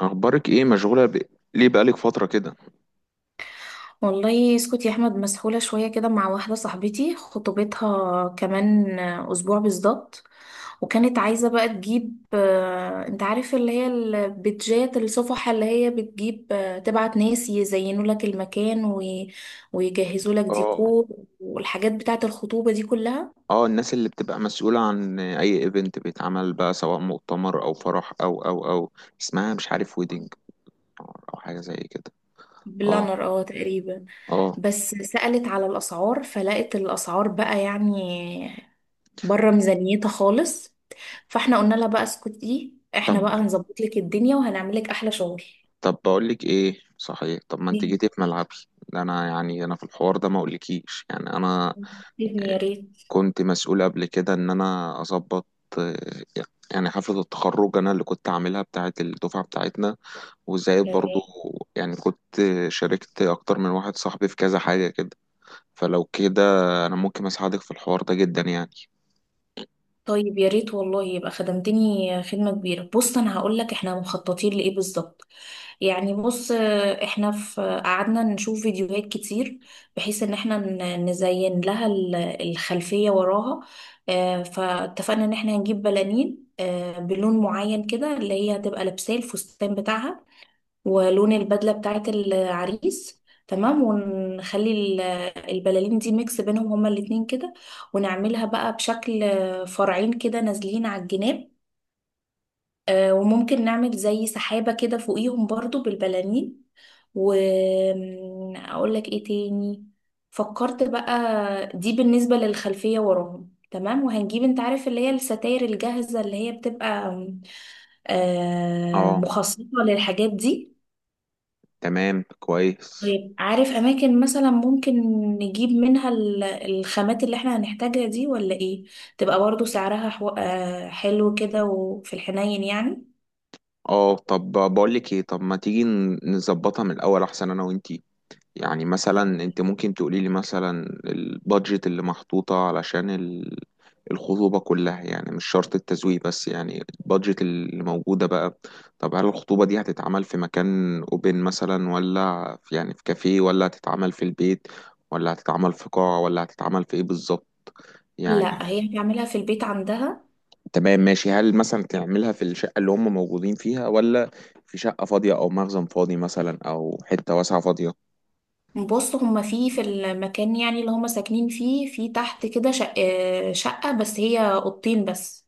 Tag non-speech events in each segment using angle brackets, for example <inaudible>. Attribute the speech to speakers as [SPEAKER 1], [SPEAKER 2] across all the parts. [SPEAKER 1] اخبارك ايه؟ مشغوله ليه بقالك فتره كده؟
[SPEAKER 2] والله اسكت يا احمد، مسحولة شوية كده مع واحدة صاحبتي، خطوبتها كمان اسبوع بالظبط. وكانت عايزة بقى تجيب انت عارف اللي هي البيتجات الصفحة اللي هي بتجيب تبعت ناس يزينوا لك المكان ويجهزوا لك
[SPEAKER 1] اه
[SPEAKER 2] ديكور والحاجات بتاعة الخطوبة دي كلها.
[SPEAKER 1] اه. الناس اللي بتبقى مسؤوله عن اي ايفنت بيتعمل بقى، سواء مؤتمر او فرح او اسمها مش عارف، ويدنج او حاجه زي كده. اه
[SPEAKER 2] بلانر اه تقريبا.
[SPEAKER 1] اه.
[SPEAKER 2] بس سألت على الأسعار فلقت الأسعار بقى يعني بره ميزانيتها خالص. فاحنا قلنا لها بقى اسكتي، احنا
[SPEAKER 1] طب
[SPEAKER 2] بقى هنظبط لك الدنيا وهنعمل لك احلى شغل <laughs>
[SPEAKER 1] طب بقول لك ايه، صحيح، طب ما انت
[SPEAKER 2] إيه؟
[SPEAKER 1] جيتي في ملعبي. ده انا، يعني انا في الحوار ده ما اقولكيش، يعني انا
[SPEAKER 2] إذني
[SPEAKER 1] آه،
[SPEAKER 2] يا ريت.
[SPEAKER 1] كنت مسؤول قبل كده ان انا اظبط. آه، يعني حفله التخرج انا اللي كنت عاملها بتاعه الدفعه بتاعتنا، وزائد برضو،
[SPEAKER 2] تمام.
[SPEAKER 1] يعني كنت شاركت أكتر من واحد صاحبي في كذا حاجة كده. فلو كده، أنا ممكن أساعدك في الحوار ده جدا يعني.
[SPEAKER 2] طيب يا ريت والله، يبقى خدمتني خدمة كبيرة. بص انا هقول لك احنا مخططين لايه بالظبط. يعني بص، احنا في قعدنا نشوف فيديوهات كتير بحيث ان احنا نزين لها الخلفية وراها. فاتفقنا ان احنا هنجيب بلالين بلون معين كده اللي هي هتبقى لابساه الفستان بتاعها، ولون البدلة بتاعت العريس. تمام. ونخلي البلالين دي ميكس بينهم هما الاتنين كده، ونعملها بقى بشكل فرعين كده نازلين على الجناب. وممكن نعمل زي سحابة كده فوقيهم برضو بالبلالين. وأقول لك ايه تاني، فكرت بقى. دي بالنسبة للخلفية وراهم، تمام. وهنجيب انت عارف اللي هي الستاير الجاهزة اللي هي بتبقى
[SPEAKER 1] اه
[SPEAKER 2] مخصصة للحاجات دي.
[SPEAKER 1] تمام كويس.
[SPEAKER 2] طيب، عارف اماكن مثلا ممكن نجيب منها الخامات اللي احنا هنحتاجها دي ولا ايه؟ تبقى برضو سعرها حو... آه، حلو كده وفي الحنين يعني.
[SPEAKER 1] اه طب بقولك ايه، طب ما تيجي نظبطها من الأول أحسن أنا وإنتي. يعني مثلا انت ممكن تقولي لي مثلا البادجت اللي محطوطة علشان الخطوبة كلها، يعني مش شرط التزويق بس، يعني البادجت اللي موجودة بقى. طب هل الخطوبة دي هتتعمل في مكان اوبن مثلا، ولا في كافيه، ولا هتتعمل في البيت، ولا هتتعمل في قاعة، ولا هتتعمل في ايه بالظبط يعني؟
[SPEAKER 2] لا، هي بتعملها في البيت عندها.
[SPEAKER 1] تمام ماشي. هل مثلا تعملها في الشقة اللي هم موجودين فيها، ولا في شقة فاضية او مخزن فاضي مثلا، او حتة واسعة فاضية؟
[SPEAKER 2] بص هما في المكان يعني اللي هما ساكنين فيه، في تحت كده شق... آه، شقة بس، هي أوضتين بس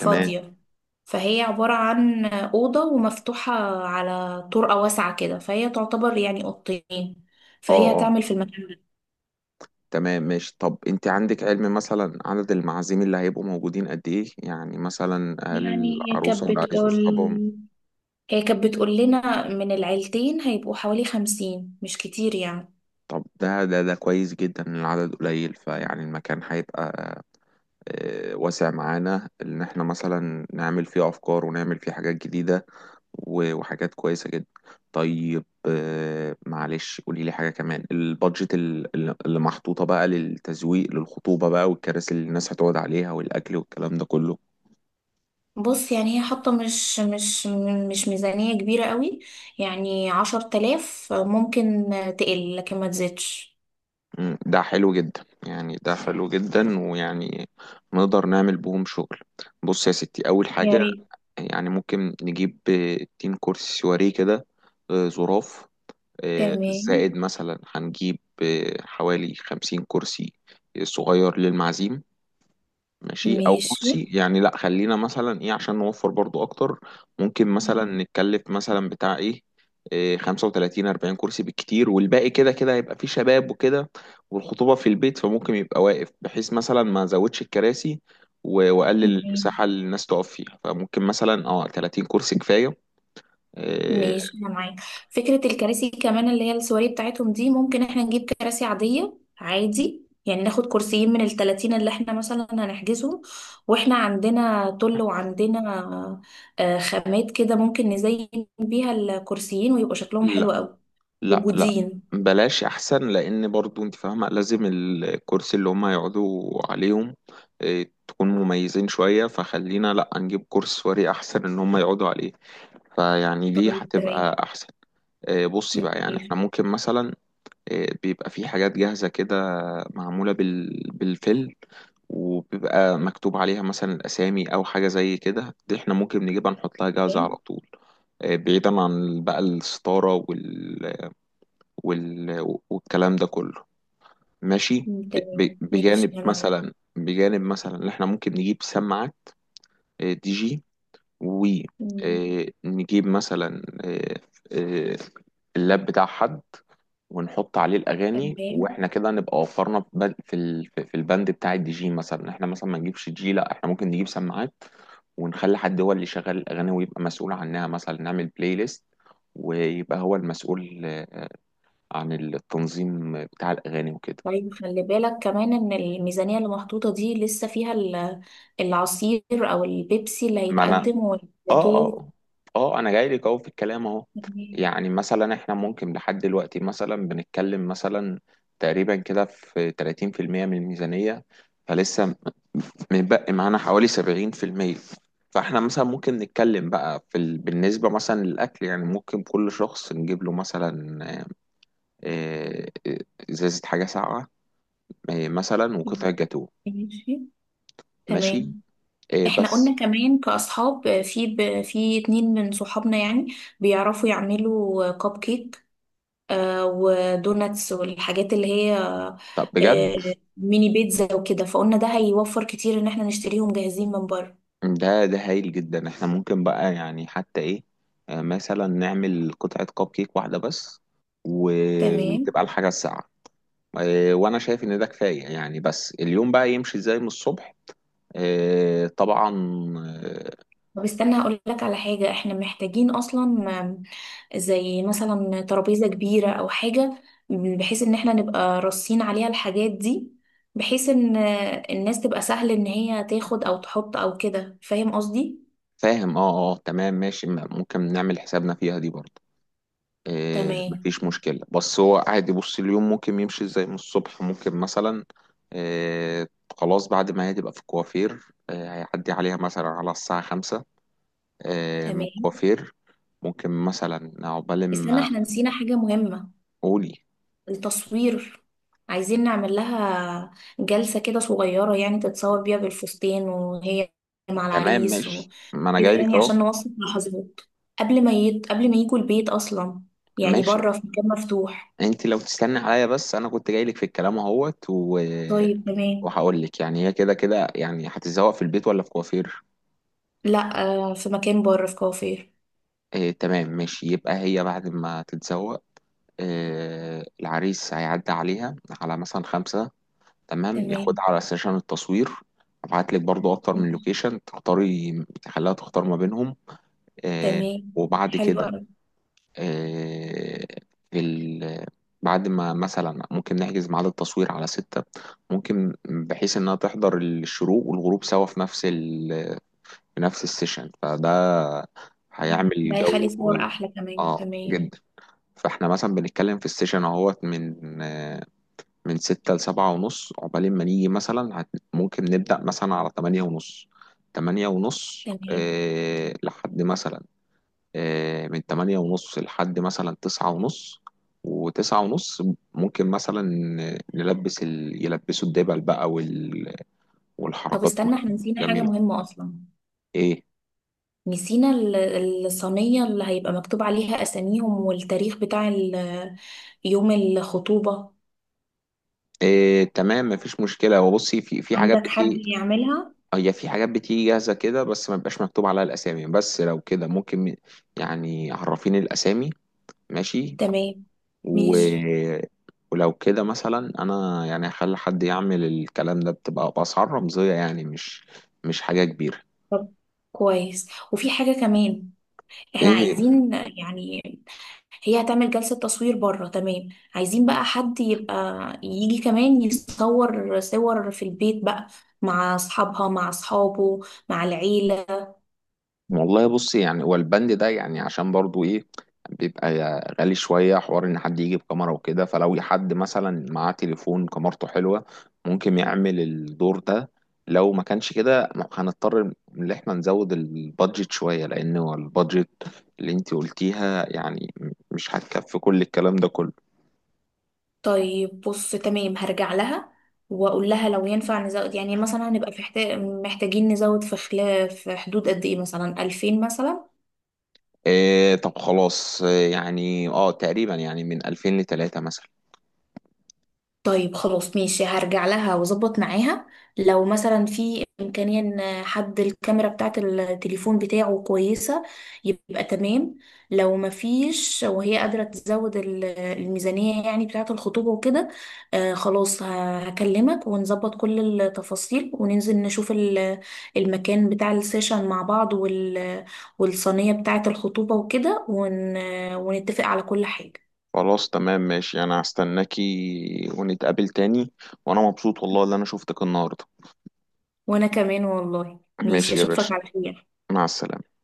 [SPEAKER 1] تمام.
[SPEAKER 2] فهي عبارة عن أوضة ومفتوحة على طرقة واسعة كده، فهي تعتبر يعني أوضتين.
[SPEAKER 1] اه
[SPEAKER 2] فهي
[SPEAKER 1] اه
[SPEAKER 2] هتعمل في المكان.
[SPEAKER 1] تمام ماشي. طب انت عندك علم مثلا عدد المعازيم اللي هيبقوا موجودين قد ايه؟ يعني مثلا هل
[SPEAKER 2] يعني هي
[SPEAKER 1] العروسة
[SPEAKER 2] كانت
[SPEAKER 1] والعريس
[SPEAKER 2] بتقول،
[SPEAKER 1] واصحابهم؟
[SPEAKER 2] هي كانت بتقول لنا من العيلتين هيبقوا حوالي خمسين، مش كتير يعني.
[SPEAKER 1] طب ده كويس جدا ان العدد قليل، فيعني المكان هيبقى واسع معانا، ان احنا مثلا نعمل فيه افكار ونعمل فيه حاجات جديدة وحاجات كويسة جدا. طيب معلش، قولي لي حاجة كمان. البادجت اللي محطوطة بقى للتزويق للخطوبة بقى، والكراسي اللي الناس هتقعد عليها، والاكل والكلام ده كله؟
[SPEAKER 2] بص يعني هي حاطة مش ميزانية كبيرة قوي. يعني عشر تلاف ممكن تقل، لكن ما تزيدش.
[SPEAKER 1] ده حلو جدا يعني، ده حلو جدا، ويعني نقدر نعمل بهم شغل. بص يا ستي، أول
[SPEAKER 2] يا
[SPEAKER 1] حاجة،
[SPEAKER 2] ريت.
[SPEAKER 1] يعني ممكن نجيب تين كرسي سواريه كده، زراف.
[SPEAKER 2] تمام.
[SPEAKER 1] زائد مثلا هنجيب حوالي 50 كرسي صغير للمعازيم. ماشي. او
[SPEAKER 2] ماشي
[SPEAKER 1] بصي يعني، لا، خلينا مثلا ايه، عشان نوفر برضو اكتر، ممكن مثلا نتكلف مثلا بتاع ايه، إيه، 35 40 كرسي بالكتير، والباقي كده كده هيبقى فيه شباب وكده، والخطوبة في البيت، فممكن يبقى واقف بحيث مثلا ما ازودش الكراسي واقلل المساحة اللي الناس تقف فيها. فممكن مثلا اه 30 كرسي كفاية. إيه،
[SPEAKER 2] ماشي انا معاك. فكره الكراسي كمان اللي هي السواري بتاعتهم دي، ممكن احنا نجيب كراسي عاديه عادي يعني، ناخد كرسيين من التلاتين اللي احنا مثلا هنحجزهم. واحنا عندنا طل وعندنا خامات كده ممكن نزين بيها الكرسيين ويبقوا شكلهم حلو قوي.
[SPEAKER 1] لا لا،
[SPEAKER 2] موجودين.
[SPEAKER 1] بلاش احسن، لان برضو انت فاهمه لازم الكرسي اللي هم يقعدوا عليهم تكون مميزين شويه. فخلينا لا، نجيب كرسي سواري احسن ان هم يقعدوا عليه، فيعني دي
[SPEAKER 2] طيب تمام
[SPEAKER 1] هتبقى احسن. بصي بقى، يعني احنا
[SPEAKER 2] ماشي.
[SPEAKER 1] ممكن مثلا بيبقى في حاجات جاهزه كده، معموله بالفيل، وبيبقى مكتوب عليها مثلا الاسامي او حاجه زي كده، دي احنا ممكن نجيبها نحط لها جاهزه على
[SPEAKER 2] تمام.
[SPEAKER 1] طول. بعيدا عن بقى الستاره والكلام ده كله، ماشي.
[SPEAKER 2] تمام ماشي
[SPEAKER 1] بجانب
[SPEAKER 2] انا معاك.
[SPEAKER 1] مثلا بجانب مثلا، اللي احنا ممكن نجيب سماعة دي جي،
[SPEAKER 2] مم،
[SPEAKER 1] ونجيب مثلا آه، اللاب بتاع حد ونحط عليه الاغاني،
[SPEAKER 2] تمام.
[SPEAKER 1] واحنا كده نبقى وفرنا في بند- في ال- في في البند بتاع الدي جي. مثلا احنا مثلا ما نجيبش دي جي، لا احنا ممكن نجيب سماعات ونخلي حد هو اللي يشغل الاغاني ويبقى مسؤول عنها، مثلا نعمل بلاي ليست، ويبقى هو المسؤول عن التنظيم بتاع الأغاني وكده.
[SPEAKER 2] طيب خلي بالك كمان ان الميزانية اللي محطوطة دي لسه فيها العصير او البيبسي اللي
[SPEAKER 1] ما أنا،
[SPEAKER 2] هيتقدم
[SPEAKER 1] آه
[SPEAKER 2] والجاتوه.
[SPEAKER 1] آه آه أنا جاي لك أهو في الكلام أهو.
[SPEAKER 2] تمام.
[SPEAKER 1] يعني مثلا إحنا ممكن لحد دلوقتي مثلا بنتكلم مثلا تقريبا كده في 30% من الميزانية. فلسه متبقي معانا حوالي 70%. فإحنا مثلا ممكن نتكلم بقى بالنسبة مثلا للأكل، يعني ممكن كل شخص نجيب له مثلا آه، إزازة حاجة ساقعة، مثلا، وقطع جاتوه.
[SPEAKER 2] ماشي.
[SPEAKER 1] ماشي.
[SPEAKER 2] تمام. احنا قلنا
[SPEAKER 1] بس.
[SPEAKER 2] كمان كأصحاب في اتنين من صحابنا يعني بيعرفوا يعملوا كب كيك، ودوناتس والحاجات اللي هي
[SPEAKER 1] طب بجد،
[SPEAKER 2] ميني بيتزا وكده، فقلنا ده هيوفر كتير ان احنا نشتريهم جاهزين من بره.
[SPEAKER 1] ده هايل جدا. احنا ممكن بقى، يعني حتى ايه، مثلا نعمل قطعة كب كيك واحدة بس، و...
[SPEAKER 2] تمام.
[SPEAKER 1] وتبقى الحاجة الساعة، وانا شايف ان ده كفاية يعني. بس اليوم بقى يمشي ازاي من الصبح؟ طبعا. آه،
[SPEAKER 2] طب استنى هقول لك على حاجة احنا محتاجين اصلا، زي مثلا ترابيزة كبيرة أو حاجة، بحيث إن احنا نبقى راصين عليها الحاجات دي، بحيث إن الناس تبقى سهل إن هي تاخد أو تحط أو كده. فاهم قصدي؟
[SPEAKER 1] فاهم. اه. تمام ماشي. ممكن نعمل حسابنا فيها دي برضه،
[SPEAKER 2] تمام.
[SPEAKER 1] مفيش مشكلة. بس هو عادي، بص، اليوم ممكن يمشي ازاي من الصبح؟ ممكن مثلا آه، خلاص بعد ما هي تبقى في الكوافير، هيعدي عليها مثلا على الساعة 5، من
[SPEAKER 2] تمام.
[SPEAKER 1] الكوافير، ممكن مثلا عقبال
[SPEAKER 2] استنى،
[SPEAKER 1] ما.
[SPEAKER 2] احنا نسينا حاجة مهمة:
[SPEAKER 1] قولي.
[SPEAKER 2] التصوير. عايزين نعمل لها جلسة كده صغيرة يعني تتصور بيها بالفستان، وهي مع
[SPEAKER 1] تمام
[SPEAKER 2] العريس
[SPEAKER 1] ماشي، ما انا
[SPEAKER 2] وكده.
[SPEAKER 1] جاي لك
[SPEAKER 2] يعني عشان
[SPEAKER 1] اهو.
[SPEAKER 2] نوثق لحظات قبل ما قبل ما يجوا البيت أصلا، يعني
[SPEAKER 1] ماشي.
[SPEAKER 2] بره في مكان مفتوح.
[SPEAKER 1] انت لو تستني عليا بس، انا كنت جاي لك في الكلام اهوت
[SPEAKER 2] طيب تمام.
[SPEAKER 1] وهقول لك. يعني هي كده كده يعني هتتزوق في البيت ولا في كوافير؟
[SPEAKER 2] لا، في مكان بره في كافيه.
[SPEAKER 1] آه تمام ماشي. يبقى هي بعد ما تتزوق، آه، العريس هيعدي عليها على مثلا 5، تمام،
[SPEAKER 2] تمام.
[SPEAKER 1] ياخدها على سيشن التصوير. ابعت لك برضو اكتر من لوكيشن، تختاري تخليها تختار ما بينهم. آه.
[SPEAKER 2] تمام.
[SPEAKER 1] وبعد
[SPEAKER 2] حلو
[SPEAKER 1] كده
[SPEAKER 2] قوي.
[SPEAKER 1] آه، في ال... بعد ما مثلا ممكن نحجز ميعاد التصوير على 6، ممكن بحيث انها تحضر الشروق والغروب سوا في نفس السيشن، فده هيعمل
[SPEAKER 2] ده هيخلي
[SPEAKER 1] جو.
[SPEAKER 2] صور احلى كمان.
[SPEAKER 1] اه
[SPEAKER 2] تمام.
[SPEAKER 1] جدا. فاحنا مثلا بنتكلم في السيشن اهوت من من 6 لـ7:30، عقبال ما نيجي مثلا ممكن نبدأ مثلا على 8:30.
[SPEAKER 2] تمام.
[SPEAKER 1] لحد مثلا، من 8:30 لحد مثلا 9:30. وتسعة ونص ممكن مثلا يلبسوا الدبل بقى
[SPEAKER 2] طب
[SPEAKER 1] والحركات
[SPEAKER 2] استنى، احنا نسينا حاجة
[SPEAKER 1] والجميلة.
[SPEAKER 2] مهمة اصلا،
[SPEAKER 1] ايه؟
[SPEAKER 2] نسينا الصينية اللي هيبقى مكتوب عليها اساميهم والتاريخ بتاع يوم الخطوبة.
[SPEAKER 1] إيه تمام مفيش مشكلة. هو بصي، في حاجات
[SPEAKER 2] عندك حد
[SPEAKER 1] بتيجي،
[SPEAKER 2] يعملها؟
[SPEAKER 1] هي في حاجات بتيجي جاهزة كده بس ما بيبقاش مكتوب عليها الأسامي، بس لو كده ممكن يعني عرفيني الأسامي. ماشي.
[SPEAKER 2] تمام
[SPEAKER 1] و...
[SPEAKER 2] ماشي.
[SPEAKER 1] ولو كده مثلا، أنا يعني هخلي حد يعمل الكلام ده، بتبقى بأسعار رمزية يعني، مش حاجة كبيرة.
[SPEAKER 2] طب كويس. وفي حاجة كمان، احنا
[SPEAKER 1] ايه.
[SPEAKER 2] عايزين يعني هي هتعمل جلسة تصوير بره، تمام، عايزين بقى حد يبقى يجي كمان يصور صور في البيت بقى، مع اصحابها مع اصحابه مع العيلة.
[SPEAKER 1] والله بصي يعني، والبند ده يعني عشان برضو ايه، بيبقى غالي شوية حوار ان حد يجيب كاميرا وكده. فلو حد مثلا معاه تليفون كاميرته حلوة، ممكن يعمل الدور ده. لو ما كانش كده، هنضطر ان احنا نزود البادجت شوية، لان هو البادجت اللي انت قلتيها يعني مش هتكفي كل الكلام ده كله.
[SPEAKER 2] طيب بص تمام، هرجع لها واقول لها لو ينفع نزود، يعني مثلا هنبقى في محتاجين نزود، في خلاف في حدود قد ايه، مثلا 2000 مثلا.
[SPEAKER 1] إيه، طب خلاص. إيه يعني، اه، تقريبا يعني من 2000 لتلاتة مثلا.
[SPEAKER 2] طيب خلاص ماشي، هرجع لها واظبط معاها لو مثلا في امكانيه ان حد الكاميرا بتاعه التليفون بتاعه كويسه، يبقى تمام. لو ما فيش، وهي قادره تزود الميزانيه يعني بتاعه الخطوبه وكده، آه خلاص هكلمك ونظبط كل التفاصيل، وننزل نشوف المكان بتاع السيشن مع بعض، والصينيه بتاعه الخطوبه وكده ونتفق على كل حاجه.
[SPEAKER 1] خلاص تمام ماشي. انا هستناكي ونتقابل تاني، وانا مبسوط والله اللي انا شفتك النهارده.
[SPEAKER 2] وانا كمان والله، ماشي،
[SPEAKER 1] ماشي يا
[SPEAKER 2] اشوفك
[SPEAKER 1] باشا.
[SPEAKER 2] على خير.
[SPEAKER 1] مع السلامة.